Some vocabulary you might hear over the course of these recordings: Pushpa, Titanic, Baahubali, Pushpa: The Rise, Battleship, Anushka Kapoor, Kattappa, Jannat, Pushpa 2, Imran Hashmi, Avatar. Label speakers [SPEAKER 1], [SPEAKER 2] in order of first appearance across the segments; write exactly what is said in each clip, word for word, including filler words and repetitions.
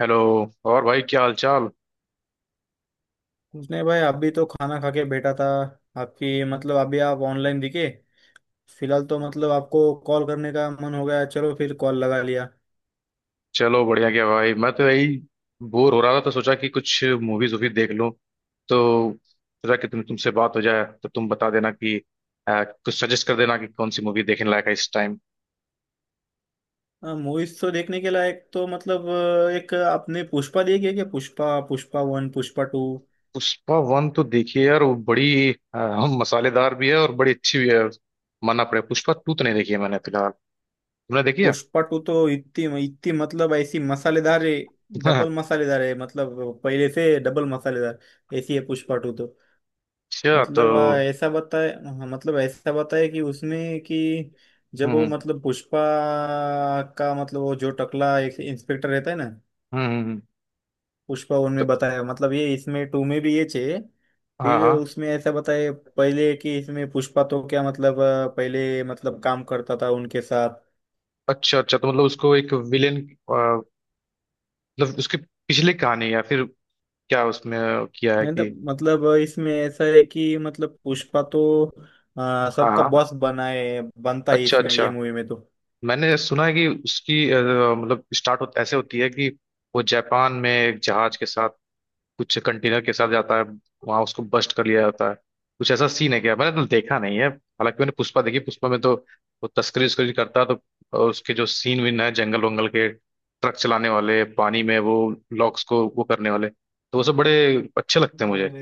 [SPEAKER 1] Hello. और भाई, क्या हाल चाल।
[SPEAKER 2] उसने भाई अभी तो खाना खा के बैठा था। आपकी मतलब अभी आप ऑनलाइन दिखे। फिलहाल तो मतलब आपको कॉल करने का मन हो गया, चलो फिर कॉल लगा लिया।
[SPEAKER 1] चलो बढ़िया क्या भाई, मैं तो यही बोर हो रहा था, तो सोचा कि कुछ मूवीज वूवीज देख लूं। तो सोचा कि तुम तुमसे बात हो जाए, तो तुम बता देना कि अ, कुछ सजेस्ट कर देना कि कौन सी मूवी देखने लायक है इस टाइम।
[SPEAKER 2] मूवीज तो देखने के लायक तो मतलब अ, एक आपने पुष्पा देखी है क्या? Pushpa, Pushpa one, Pushpa two.
[SPEAKER 1] Pushpa one तो देखिए यार, वो बड़ी अ, मसालेदार भी है और बड़ी अच्छी भी है, मानना पड़ेगा। पुष्पा टू तो नहीं देखी है मैंने फिलहाल। तुमने देखी है?
[SPEAKER 2] पुष्पा टू तो इतनी इतनी मतलब ऐसी मसालेदार है, डबल मसालेदार है, मतलब पहले से डबल मसालेदार। ऐसी है पुष्पा टू तो।
[SPEAKER 1] अच्छा। तो
[SPEAKER 2] मतलब आ, ऐसा बताए। हाँ, मतलब ऐसा बताए कि उसमें कि जब
[SPEAKER 1] हम्म
[SPEAKER 2] वो
[SPEAKER 1] हम्म।
[SPEAKER 2] मतलब पुष्पा का मतलब वो जो टकला एक इंस्पेक्टर रहता है ना।
[SPEAKER 1] हम्म, हम्म।
[SPEAKER 2] पुष्पा
[SPEAKER 1] तो
[SPEAKER 2] उनमें बताया मतलब ये, इसमें टू में भी ये चाहिए।
[SPEAKER 1] हाँ
[SPEAKER 2] फिर
[SPEAKER 1] हाँ।
[SPEAKER 2] उसमें ऐसा बताए पहले कि इसमें पुष्पा तो क्या मतलब आ, पहले मतलब काम करता था उनके साथ।
[SPEAKER 1] अच्छा अच्छा, तो मतलब उसको एक विलेन, मतलब उसके पिछले कहानी, या फिर क्या उसमें किया है
[SPEAKER 2] नहीं तो,
[SPEAKER 1] कि।
[SPEAKER 2] मतलब इसमें ऐसा है कि मतलब पुष्पा तो आ,
[SPEAKER 1] हाँ
[SPEAKER 2] सबका
[SPEAKER 1] हाँ।
[SPEAKER 2] बॉस बनाए बनता है
[SPEAKER 1] अच्छा
[SPEAKER 2] इसमें, ये
[SPEAKER 1] अच्छा,
[SPEAKER 2] मूवी में।
[SPEAKER 1] मैंने सुना है कि उसकी अ, मतलब स्टार्ट हो, ऐसे होती है कि वो जापान में एक जहाज के साथ, कुछ कंटेनर के साथ जाता है, वहां उसको बस्ट कर लिया जाता है। कुछ ऐसा सीन है क्या? मैंने तो देखा नहीं है हालांकि। मैंने पुष्पा देखी, पुष्पा में तो वो तस्करी उस्करी करता है, तो अ, उसके जो सीन विन है, जंगल वंगल के, ट्रक चलाने वाले, पानी में वो लॉक्स को वो करने वाले, तो वो सब बड़े अच्छे लगते हैं
[SPEAKER 2] तो
[SPEAKER 1] मुझे।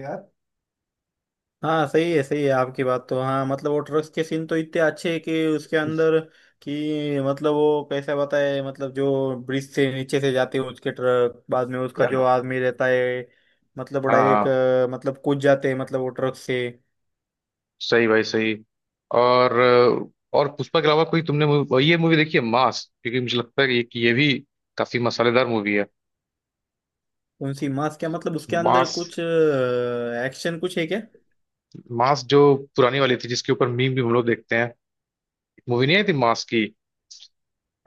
[SPEAKER 2] हाँ सही है सही है आपकी बात तो। हाँ मतलब वो ट्रक्स के सीन तो इतने अच्छे हैं कि उसके अंदर कि मतलब वो कैसा बताए, मतलब जो ब्रिज से नीचे से जाते हैं उसके ट्रक, बाद में उसका जो
[SPEAKER 1] हाँ
[SPEAKER 2] आदमी रहता है, मतलब डायरेक्ट
[SPEAKER 1] हाँ,
[SPEAKER 2] मतलब कूद जाते हैं मतलब वो ट्रक से।
[SPEAKER 1] सही भाई सही। और और पुष्पा के अलावा कोई तुमने मूवी, ये मूवी देखी है मास? क्योंकि मुझे लगता है कि कि ये भी काफी मसालेदार मूवी है।
[SPEAKER 2] कौन सी मास? क्या मतलब उसके अंदर
[SPEAKER 1] मास।
[SPEAKER 2] कुछ एक्शन कुछ है क्या?
[SPEAKER 1] मास जो पुरानी वाली थी, जिसके ऊपर मीम भी हम लोग देखते हैं। मूवी नहीं आई थी मास की?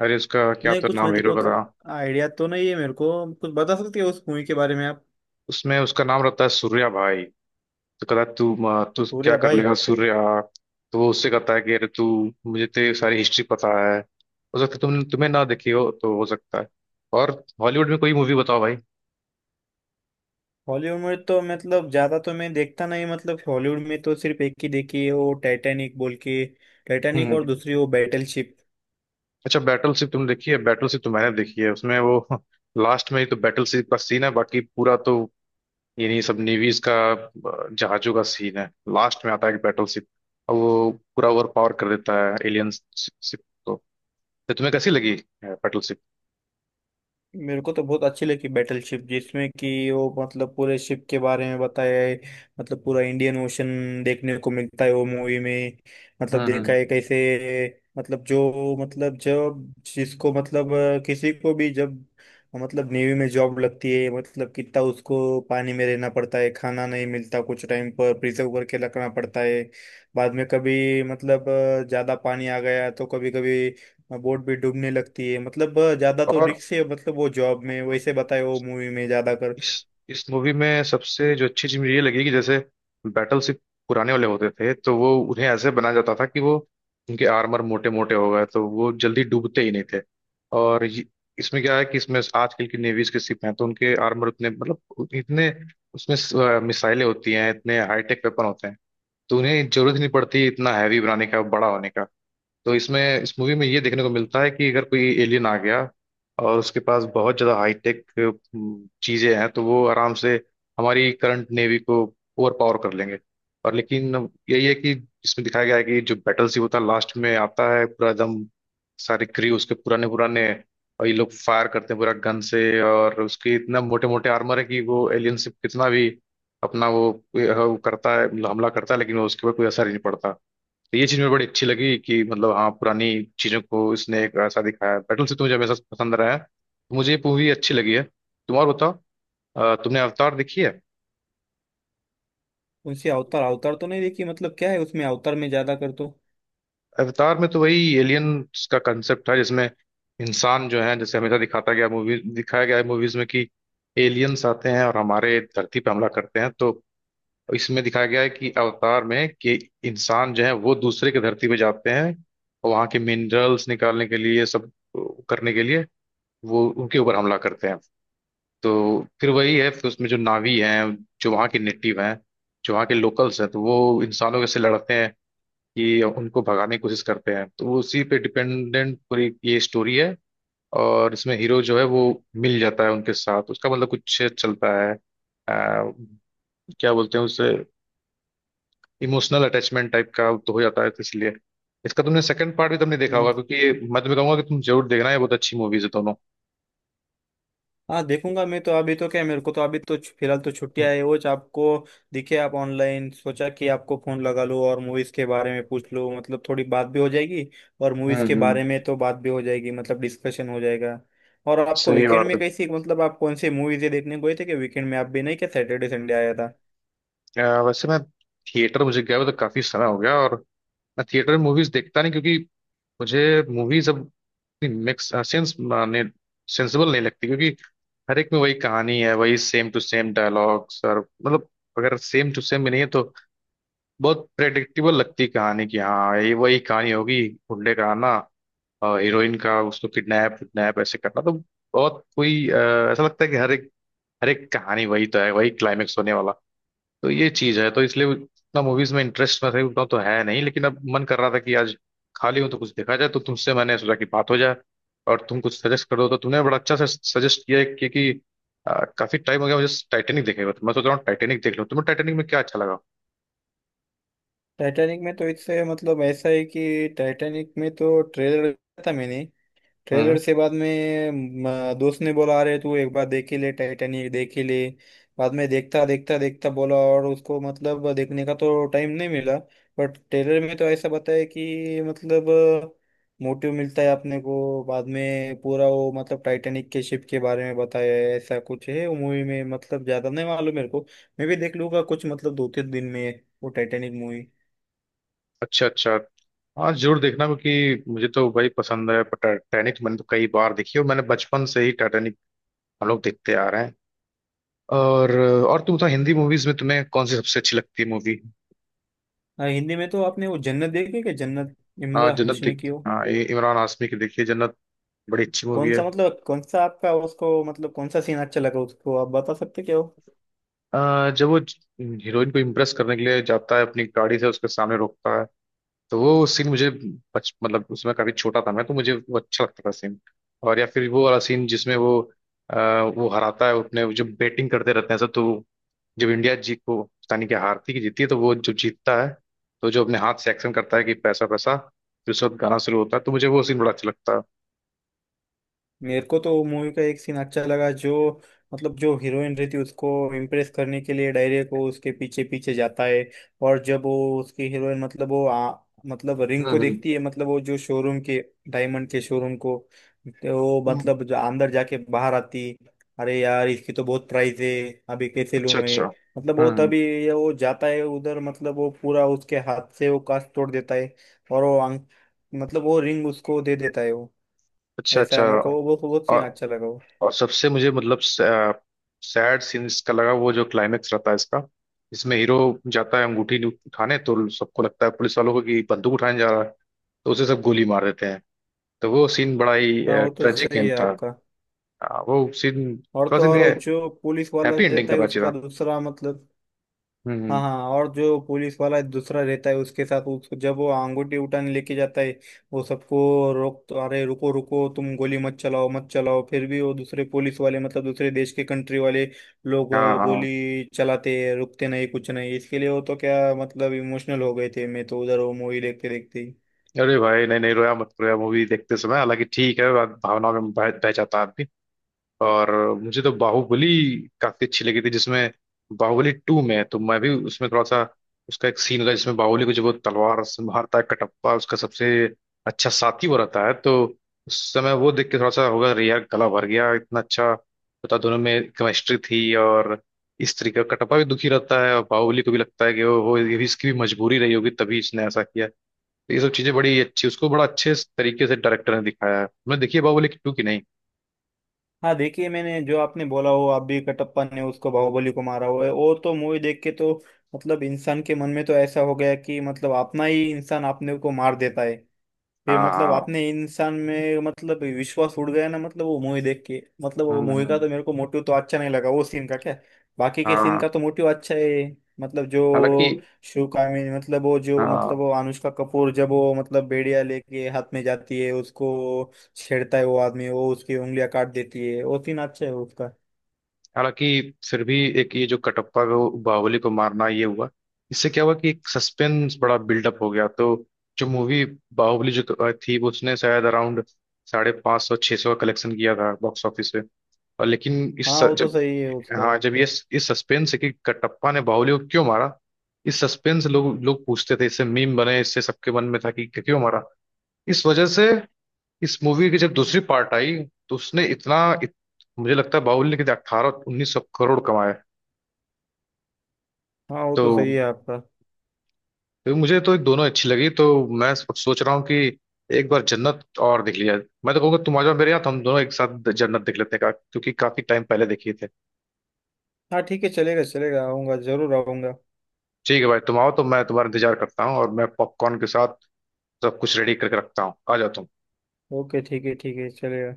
[SPEAKER 1] अरे उसका क्या
[SPEAKER 2] नहीं
[SPEAKER 1] तो
[SPEAKER 2] कुछ, मैं
[SPEAKER 1] नाम
[SPEAKER 2] तो
[SPEAKER 1] हीरो का
[SPEAKER 2] कुछ
[SPEAKER 1] था।
[SPEAKER 2] आइडिया तो नहीं है मेरे को। कुछ बता सकती हो उस मूवी के बारे में आप?
[SPEAKER 1] उसमें उसका नाम रहता है सूर्या भाई, तो कहता है, तू म, तू क्या
[SPEAKER 2] पूरे
[SPEAKER 1] कर
[SPEAKER 2] भाई।
[SPEAKER 1] लेगा सूर्या। तो वो उससे कहता है कि अरे तू, मुझे तेरी सारी हिस्ट्री पता है। हो सकता है तुम तुम्हें ना देखी हो, तो हो सकता है। और हॉलीवुड में कोई मूवी बताओ भाई।
[SPEAKER 2] हॉलीवुड में तो मतलब ज्यादा तो मैं देखता नहीं, मतलब हॉलीवुड में तो सिर्फ एक ही देखी है, वो टाइटैनिक बोल के। टाइटैनिक
[SPEAKER 1] हम्म।
[SPEAKER 2] और दूसरी वो बैटल शिप।
[SPEAKER 1] अच्छा, बैटलशिप तुम देखी है? बैटलशिप तो मैंने देखी है, उसमें वो लास्ट में ही तो बैटलशिप का सीन है, बाकी पूरा तो यही सब नेवीज का अ, जहाजों का सीन है। लास्ट में आता है एक बैटलशिप, और वो पूरा ओवर पावर कर देता है एलियन शिप को। तो तुम्हें कैसी लगी बैटलशिप?
[SPEAKER 2] मेरे को तो बहुत अच्छी लगी बैटलशिप, जिसमें कि वो मतलब पूरे शिप के बारे में बताया है, मतलब पूरा इंडियन ओशन देखने को मिलता है वो मूवी में। मतलब
[SPEAKER 1] हम्म
[SPEAKER 2] देखा है
[SPEAKER 1] हम्म।
[SPEAKER 2] कैसे, मतलब जो मतलब जब जिसको मतलब अ, किसी को भी जब मतलब नेवी में जॉब लगती है, मतलब कितना उसको पानी में रहना पड़ता है, खाना नहीं मिलता, कुछ टाइम पर प्रिजर्व करके रखना पड़ता है। बाद में कभी मतलब अ, ज्यादा पानी आ गया तो कभी कभी बोट भी डूबने लगती है, मतलब अ, ज्यादा तो
[SPEAKER 1] और
[SPEAKER 2] रिक्स है मतलब वो जॉब में,
[SPEAKER 1] और
[SPEAKER 2] वैसे बताए वो मूवी में ज्यादा कर।
[SPEAKER 1] इस इस मूवी में सबसे जो अच्छी चीज मुझे ये लगी कि, जैसे बैटल सिप पुराने वाले होते थे, तो वो उन्हें ऐसे बनाया जाता था कि वो, उनके आर्मर मोटे मोटे हो गए, तो वो जल्दी डूबते ही नहीं थे। और ये, इसमें क्या है कि इसमें आजकल की नेवीज के शिप हैं, तो उनके आर्मर उतने मतलब इतने, उसमें स- मिसाइलें होती हैं, इतने हाईटेक वेपन होते हैं, तो उन्हें जरूरत ही नहीं पड़ती इतना हैवी बनाने का, बड़ा होने का। तो इसमें इस मूवी में ये देखने को मिलता है कि अगर कोई एलियन आ गया, और उसके पास बहुत ज़्यादा हाईटेक चीज़ें हैं, तो वो आराम से हमारी करंट नेवी को ओवर पावर कर लेंगे। और लेकिन यही है कि इसमें दिखाया गया है कि जो बैटल शिप होता है, लास्ट में आता है पूरा, एकदम सारे क्रू उसके पुराने पुराने, और ये लोग फायर करते हैं पूरा गन से, और उसके इतना मोटे मोटे आर्मर है कि वो एलियन शिप कितना भी अपना वो, वो करता है, हमला करता है, लेकिन वो उसके ऊपर कोई असर ही नहीं पड़ता। तो ये चीज मुझे बड़ी अच्छी लगी कि मतलब, हाँ पुरानी चीजों को इसने एक ऐसा दिखाया है। बैटल से तो मुझे हमेशा पसंद रहा है, तो मुझे ये मूवी अच्छी लगी है। तुम और बताओ। अ, तुमने अवतार देखी है?
[SPEAKER 2] उनसे अवतार, अवतार तो नहीं देखी, मतलब क्या है उसमें अवतार में ज्यादा कर तो।
[SPEAKER 1] अवतार में तो वही एलियंस का कंसेप्ट है, जिसमें इंसान जो है, जैसे हमेशा दिखाता गया, मूवी दिखाया गया है मूवीज में कि एलियंस आते हैं और हमारे धरती पर हमला करते हैं। तो इसमें दिखाया गया है कि अवतार में कि इंसान जो है वो दूसरे के धरती पे जाते हैं, और वहाँ के मिनरल्स निकालने के लिए सब करने के लिए वो उनके ऊपर हमला करते हैं। तो फिर वही है, फिर उसमें जो नावी हैं, जो वहाँ के नेटिव हैं, जो वहाँ के लोकल्स हैं, तो वो इंसानों के से लड़ते हैं कि उनको भगाने की कोशिश करते हैं। तो वो उसी पे डिपेंडेंट पूरी ये स्टोरी है। और इसमें हीरो जो है वो मिल जाता है उनके साथ, उसका मतलब कुछ चलता है अ, क्या बोलते हैं उसे, इमोशनल अटैचमेंट टाइप का तो हो जाता है। तो इसलिए इसका तुमने सेकंड पार्ट भी तुमने देखा होगा,
[SPEAKER 2] मत-
[SPEAKER 1] क्योंकि ये मैं तुम्हें कहूंगा कि तुम जरूर देखना है। बहुत अच्छी मूवीज है दोनों।
[SPEAKER 2] हाँ देखूंगा मैं तो। अभी तो क्या है, मेरे को तो अभी तो छु- फिलहाल तो छुट्टियां है। वो ज- आपको दिखे आप ऑनलाइन, सोचा कि आपको फोन लगा लो और मूवीज के बारे में पूछ लो, मतलब थोड़ी बात भी हो जाएगी। और
[SPEAKER 1] हम्म
[SPEAKER 2] मूवीज के
[SPEAKER 1] हम्म।
[SPEAKER 2] बारे में तो बात भी हो जाएगी, मतलब डिस्कशन हो जाएगा। और आपको
[SPEAKER 1] सही
[SPEAKER 2] वीकेंड
[SPEAKER 1] बात
[SPEAKER 2] में
[SPEAKER 1] है।
[SPEAKER 2] कैसी, मतलब आप कौन से मूवीज देखने गए थे? कि वीकेंड में आप भी नहीं क्या, सैटरडे संडे आया था?
[SPEAKER 1] अ, वैसे मैं थिएटर मुझे गया हुआ तो काफी समय हो गया, और मैं थिएटर में मूवीज देखता नहीं, क्योंकि मुझे मूवीज अब मिक्स सेंस माने सेंसिबल नहीं लगती, क्योंकि हर एक में वही कहानी है, वही सेम टू सेम डायलॉग्स, और मतलब अगर सेम टू सेम भी नहीं है तो बहुत प्रेडिक्टेबल लगती है कहानी की, हाँ ये वही कहानी होगी, गुंडे का आना, और हीरोइन का उसको किडनैप किडनैप ऐसे करना। तो बहुत कोई अ, ऐसा लगता है कि हर एक, हर एक कहानी वही तो है, वही क्लाइमेक्स होने वाला है। तो ये चीज है, तो इसलिए उतना मूवीज में इंटरेस्ट मैं सही बताऊं तो है नहीं, लेकिन अब मन कर रहा था कि आज खाली हूं तो कुछ देखा जाए, तो तुमसे मैंने सोचा कि बात हो जाए, और तुम कुछ सजेस्ट कर दो। तो तुमने बड़ा अच्छा से सजेस्ट किया है, क्योंकि अ, काफी टाइम हो गया मुझे टाइटेनिक देखे हुए, तो मैं सोच रहा हूँ टाइटेनिक देख लूं। तुम्हें टाइटेनिक में क्या अच्छा लगा?
[SPEAKER 2] टाइटैनिक में तो इससे मतलब ऐसा है कि टाइटैनिक में तो ट्रेलर देखा था मैंने। ट्रेलर
[SPEAKER 1] हम्म।
[SPEAKER 2] से बाद में म, दोस्त ने बोला, अरे तू एक बार देख ही ले, टाइटैनिक देख ही ले। बाद में देखता देखता देखता बोला, और उसको मतलब देखने का तो टाइम नहीं मिला। बट ट्रेलर में तो ऐसा बताया कि मतलब मोटिव मिलता है अपने को, बाद में पूरा वो मतलब टाइटैनिक के शिप के बारे में बताया है, ऐसा कुछ है वो मूवी में, मतलब ज्यादा नहीं मालूम मेरे को। मैं भी देख लूंगा कुछ, मतलब दो तीन दिन में वो टाइटैनिक मूवी।
[SPEAKER 1] अच्छा अच्छा। हाँ जरूर देखना, क्योंकि मुझे तो भाई पसंद है। पर टाइटैनिक मैंने तो कई बार देखी है, और मैंने बचपन से ही टाइटैनिक हम लोग देखते आ रहे हैं। और और तुम तो हिंदी मूवीज में तुम्हें कौन सी सबसे अच्छी लगती है मूवी?
[SPEAKER 2] हाँ, हिंदी में तो आपने वो जन्नत देखी क्या? जन्नत
[SPEAKER 1] हाँ
[SPEAKER 2] इमरान
[SPEAKER 1] जन्नत
[SPEAKER 2] हाशमी
[SPEAKER 1] देख,
[SPEAKER 2] की हो।
[SPEAKER 1] हाँ इ- इमरान हाशमी की, देखिए जन्नत बड़ी अच्छी मूवी
[SPEAKER 2] कौन
[SPEAKER 1] है।
[SPEAKER 2] सा मतलब कौन सा आपका उसको, मतलब कौन सा सीन अच्छा लगा उसको? आप बता सकते क्या हो?
[SPEAKER 1] अ, जब वो हीरोइन को इम्प्रेस करने के लिए जाता है, अपनी गाड़ी से उसके सामने रोकता है, तो वो सीन मुझे, बच मतलब उसमें काफी छोटा था मैं, तो मुझे वो अच्छा लगता था सीन। और या फिर वो वाला सीन जिसमें वो अ, वो हराता है अपने वो जो बेटिंग करते रहते हैं सब, तो जब इंडिया जीत को पता नहीं क्या, हारती कि जीतती है, तो वो जो जीतता है, तो जो अपने हाथ से एक्शन करता है कि पैसा पैसा, फिर उसके बाद गाना शुरू होता है, तो मुझे वो सीन बड़ा अच्छा लगता है।
[SPEAKER 2] मेरे को तो मूवी का एक सीन अच्छा लगा, जो मतलब जो हीरोइन रहती है, उसको इम्प्रेस करने के लिए डायरे को उसके पीछे पीछे जाता है। और जब वो उसकी हीरोइन मतलब वो आ, मतलब रिंग को
[SPEAKER 1] हम्म हम्म।
[SPEAKER 2] देखती है, मतलब वो जो शोरूम के, डायमंड के शोरूम को। तो वो
[SPEAKER 1] हम्म।
[SPEAKER 2] मतलब जो अंदर जाके बाहर आती, अरे यार इसकी तो बहुत प्राइस है, अभी कैसे लूं
[SPEAKER 1] अच्छा
[SPEAKER 2] मैं।
[SPEAKER 1] अच्छा।
[SPEAKER 2] मतलब वो
[SPEAKER 1] हम्म।
[SPEAKER 2] तभी ये, वो जाता है उधर, मतलब वो पूरा उसके हाथ से वो कांच तोड़ देता है, और वो अंग मतलब वो रिंग उसको दे देता है वो।
[SPEAKER 1] अच्छा
[SPEAKER 2] ऐसा
[SPEAKER 1] अच्छा।
[SPEAKER 2] है, मेरे को वो तो बहुत सीन
[SPEAKER 1] और
[SPEAKER 2] अच्छा लगा वो।
[SPEAKER 1] और सबसे मुझे मतलब सैड सीन इसका लगा, वो जो क्लाइमेक्स रहता है इसका। इसमें हीरो जाता है अंगूठी नहीं उठाने, तो सबको लगता है पुलिस वालों को कि बंदूक उठाने जा रहा है, तो उसे सब गोली मार देते हैं। तो वो सीन बड़ा ही
[SPEAKER 2] हाँ वो तो
[SPEAKER 1] ट्रेजिक
[SPEAKER 2] सही
[SPEAKER 1] एंड
[SPEAKER 2] है
[SPEAKER 1] था।
[SPEAKER 2] आपका।
[SPEAKER 1] हाँ, वो सीन
[SPEAKER 2] और
[SPEAKER 1] थोड़ा
[SPEAKER 2] तो
[SPEAKER 1] सा
[SPEAKER 2] और वो
[SPEAKER 1] इन्हें
[SPEAKER 2] जो पुलिस वाला
[SPEAKER 1] हैप्पी एंडिंग
[SPEAKER 2] रहता है
[SPEAKER 1] करना चाहिए
[SPEAKER 2] उसका
[SPEAKER 1] था।
[SPEAKER 2] दूसरा मतलब।
[SPEAKER 1] हम्म
[SPEAKER 2] हाँ
[SPEAKER 1] हम्म।
[SPEAKER 2] हाँ, और जो पुलिस वाला दूसरा रहता है उसके साथ, उसको जब वो अंगूठी उठाने लेके जाता है वो सबको रोक तो, अरे रुको रुको तुम गोली मत चलाओ मत चलाओ, फिर भी वो दूसरे पुलिस वाले मतलब दूसरे देश के कंट्री वाले लोग
[SPEAKER 1] हाँ
[SPEAKER 2] अ,
[SPEAKER 1] हाँ,
[SPEAKER 2] गोली चलाते हैं, रुकते नहीं, कुछ नहीं इसके लिए। वो तो क्या मतलब इमोशनल हो गए थे, मैं तो उधर वो मूवी देखते देखते ही।
[SPEAKER 1] अरे भाई नहीं नहीं, रोया मत, रोया मूवी देखते समय। हालांकि ठीक है, भावना में बह बह जाता है आदमी। और मुझे तो बाहुबली काफी अच्छी लगी थी, जिसमें बाहुबली टू में है, तो मैं भी उसमें थोड़ा सा उसका एक सीन लगा जिसमें बाहुबली को जब वो तलवार से मारता है कटप्पा, उसका सबसे अच्छा साथी वो रहता है, तो उस समय वो देख के थोड़ा सा होगा, अरे यार गला भर गया, इतना अच्छा पता, दोनों में केमिस्ट्री थी, और इस तरीके का। कटप्पा भी दुखी रहता है, और बाहुबली को भी लगता है कि वो वो ये भी, इसकी भी मजबूरी रही होगी तभी इसने ऐसा किया। तो ये सब चीजें बड़ी अच्छी, उसको बड़ा अच्छे तरीके से डायरेक्टर ने दिखाया है। मैं देखिए बाहुबली की टू की नहीं।
[SPEAKER 2] हाँ देखिए, मैंने जो आपने बोला वो आप भी, कटप्पा ने उसको बाहुबली को मारा हुआ है, और तो मूवी देख के तो मतलब इंसान के मन में तो ऐसा हो गया कि मतलब अपना ही इंसान अपने को मार देता है। फिर
[SPEAKER 1] हाँ
[SPEAKER 2] मतलब
[SPEAKER 1] हाँ।
[SPEAKER 2] आपने इंसान में मतलब विश्वास उड़ गया ना, मतलब वो मूवी देख के, मतलब वो
[SPEAKER 1] हम्म
[SPEAKER 2] मूवी का
[SPEAKER 1] हम्म।
[SPEAKER 2] तो मेरे को मोटिव तो अच्छा नहीं लगा वो सीन का, क्या। बाकी के सीन
[SPEAKER 1] हाँ
[SPEAKER 2] का तो मोटिव अच्छा है। मतलब जो
[SPEAKER 1] हालांकि,
[SPEAKER 2] शिव कामिनी मतलब वो जो मतलब
[SPEAKER 1] हाँ
[SPEAKER 2] वो अनुष्का कपूर जब वो मतलब बेड़िया लेके हाथ में जाती है, उसको छेड़ता है वो आदमी, वो उसकी उंगलियां काट देती है, वो सीन अच्छा है उसका।
[SPEAKER 1] हालांकि फिर भी एक ये जो कटप्पा को बाहुबली को मारना ये हुआ, इससे क्या हुआ कि एक सस्पेंस बड़ा बिल्डअप हो गया। तो जो मूवी बाहुबली जो थी, वो उसने शायद अराउंड साढ़े पाँच सौ छः सौ का कलेक्शन किया था बॉक्स ऑफिस पे। और लेकिन इस
[SPEAKER 2] हाँ वो तो
[SPEAKER 1] जब,
[SPEAKER 2] सही है उसका।
[SPEAKER 1] हाँ जब ये इस सस्पेंस है कि कटप्पा ने बाहुबली को क्यों मारा, इस सस्पेंस लोग लोग पूछते थे, इससे मीम बने, इससे सबके मन में था कि क्यों मारा। इस वजह से इस मूवी की जब दूसरी पार्ट आई, तो उसने इतना इत, मुझे लगता है बाहुबली ने कितने अट्ठारह उन्नीस सौ करोड़ कमाए।
[SPEAKER 2] हाँ वो
[SPEAKER 1] तो
[SPEAKER 2] तो सही है आपका।
[SPEAKER 1] तो मुझे तो दोनों अच्छी लगी। तो मैं सो- सोच रहा हूँ कि एक बार जन्नत और देख लिया। मैं तो कहूँगा तुम आ जाओ मेरे यहाँ, तो हम दोनों एक साथ जन्नत देख लेते हैं, का- क्योंकि काफी टाइम पहले देखे थे।
[SPEAKER 2] हाँ ठीक है, चलेगा चलेगा, आऊंगा जरूर आऊंगा।
[SPEAKER 1] ठीक है भाई, तुम आओ, तो मैं तुम्हारा इंतजार करता हूँ, और मैं पॉपकॉर्न के साथ सब कुछ रेडी करके रखता हूँ, आ जाओ तुम।
[SPEAKER 2] ओके ठीक है ठीक है चलेगा।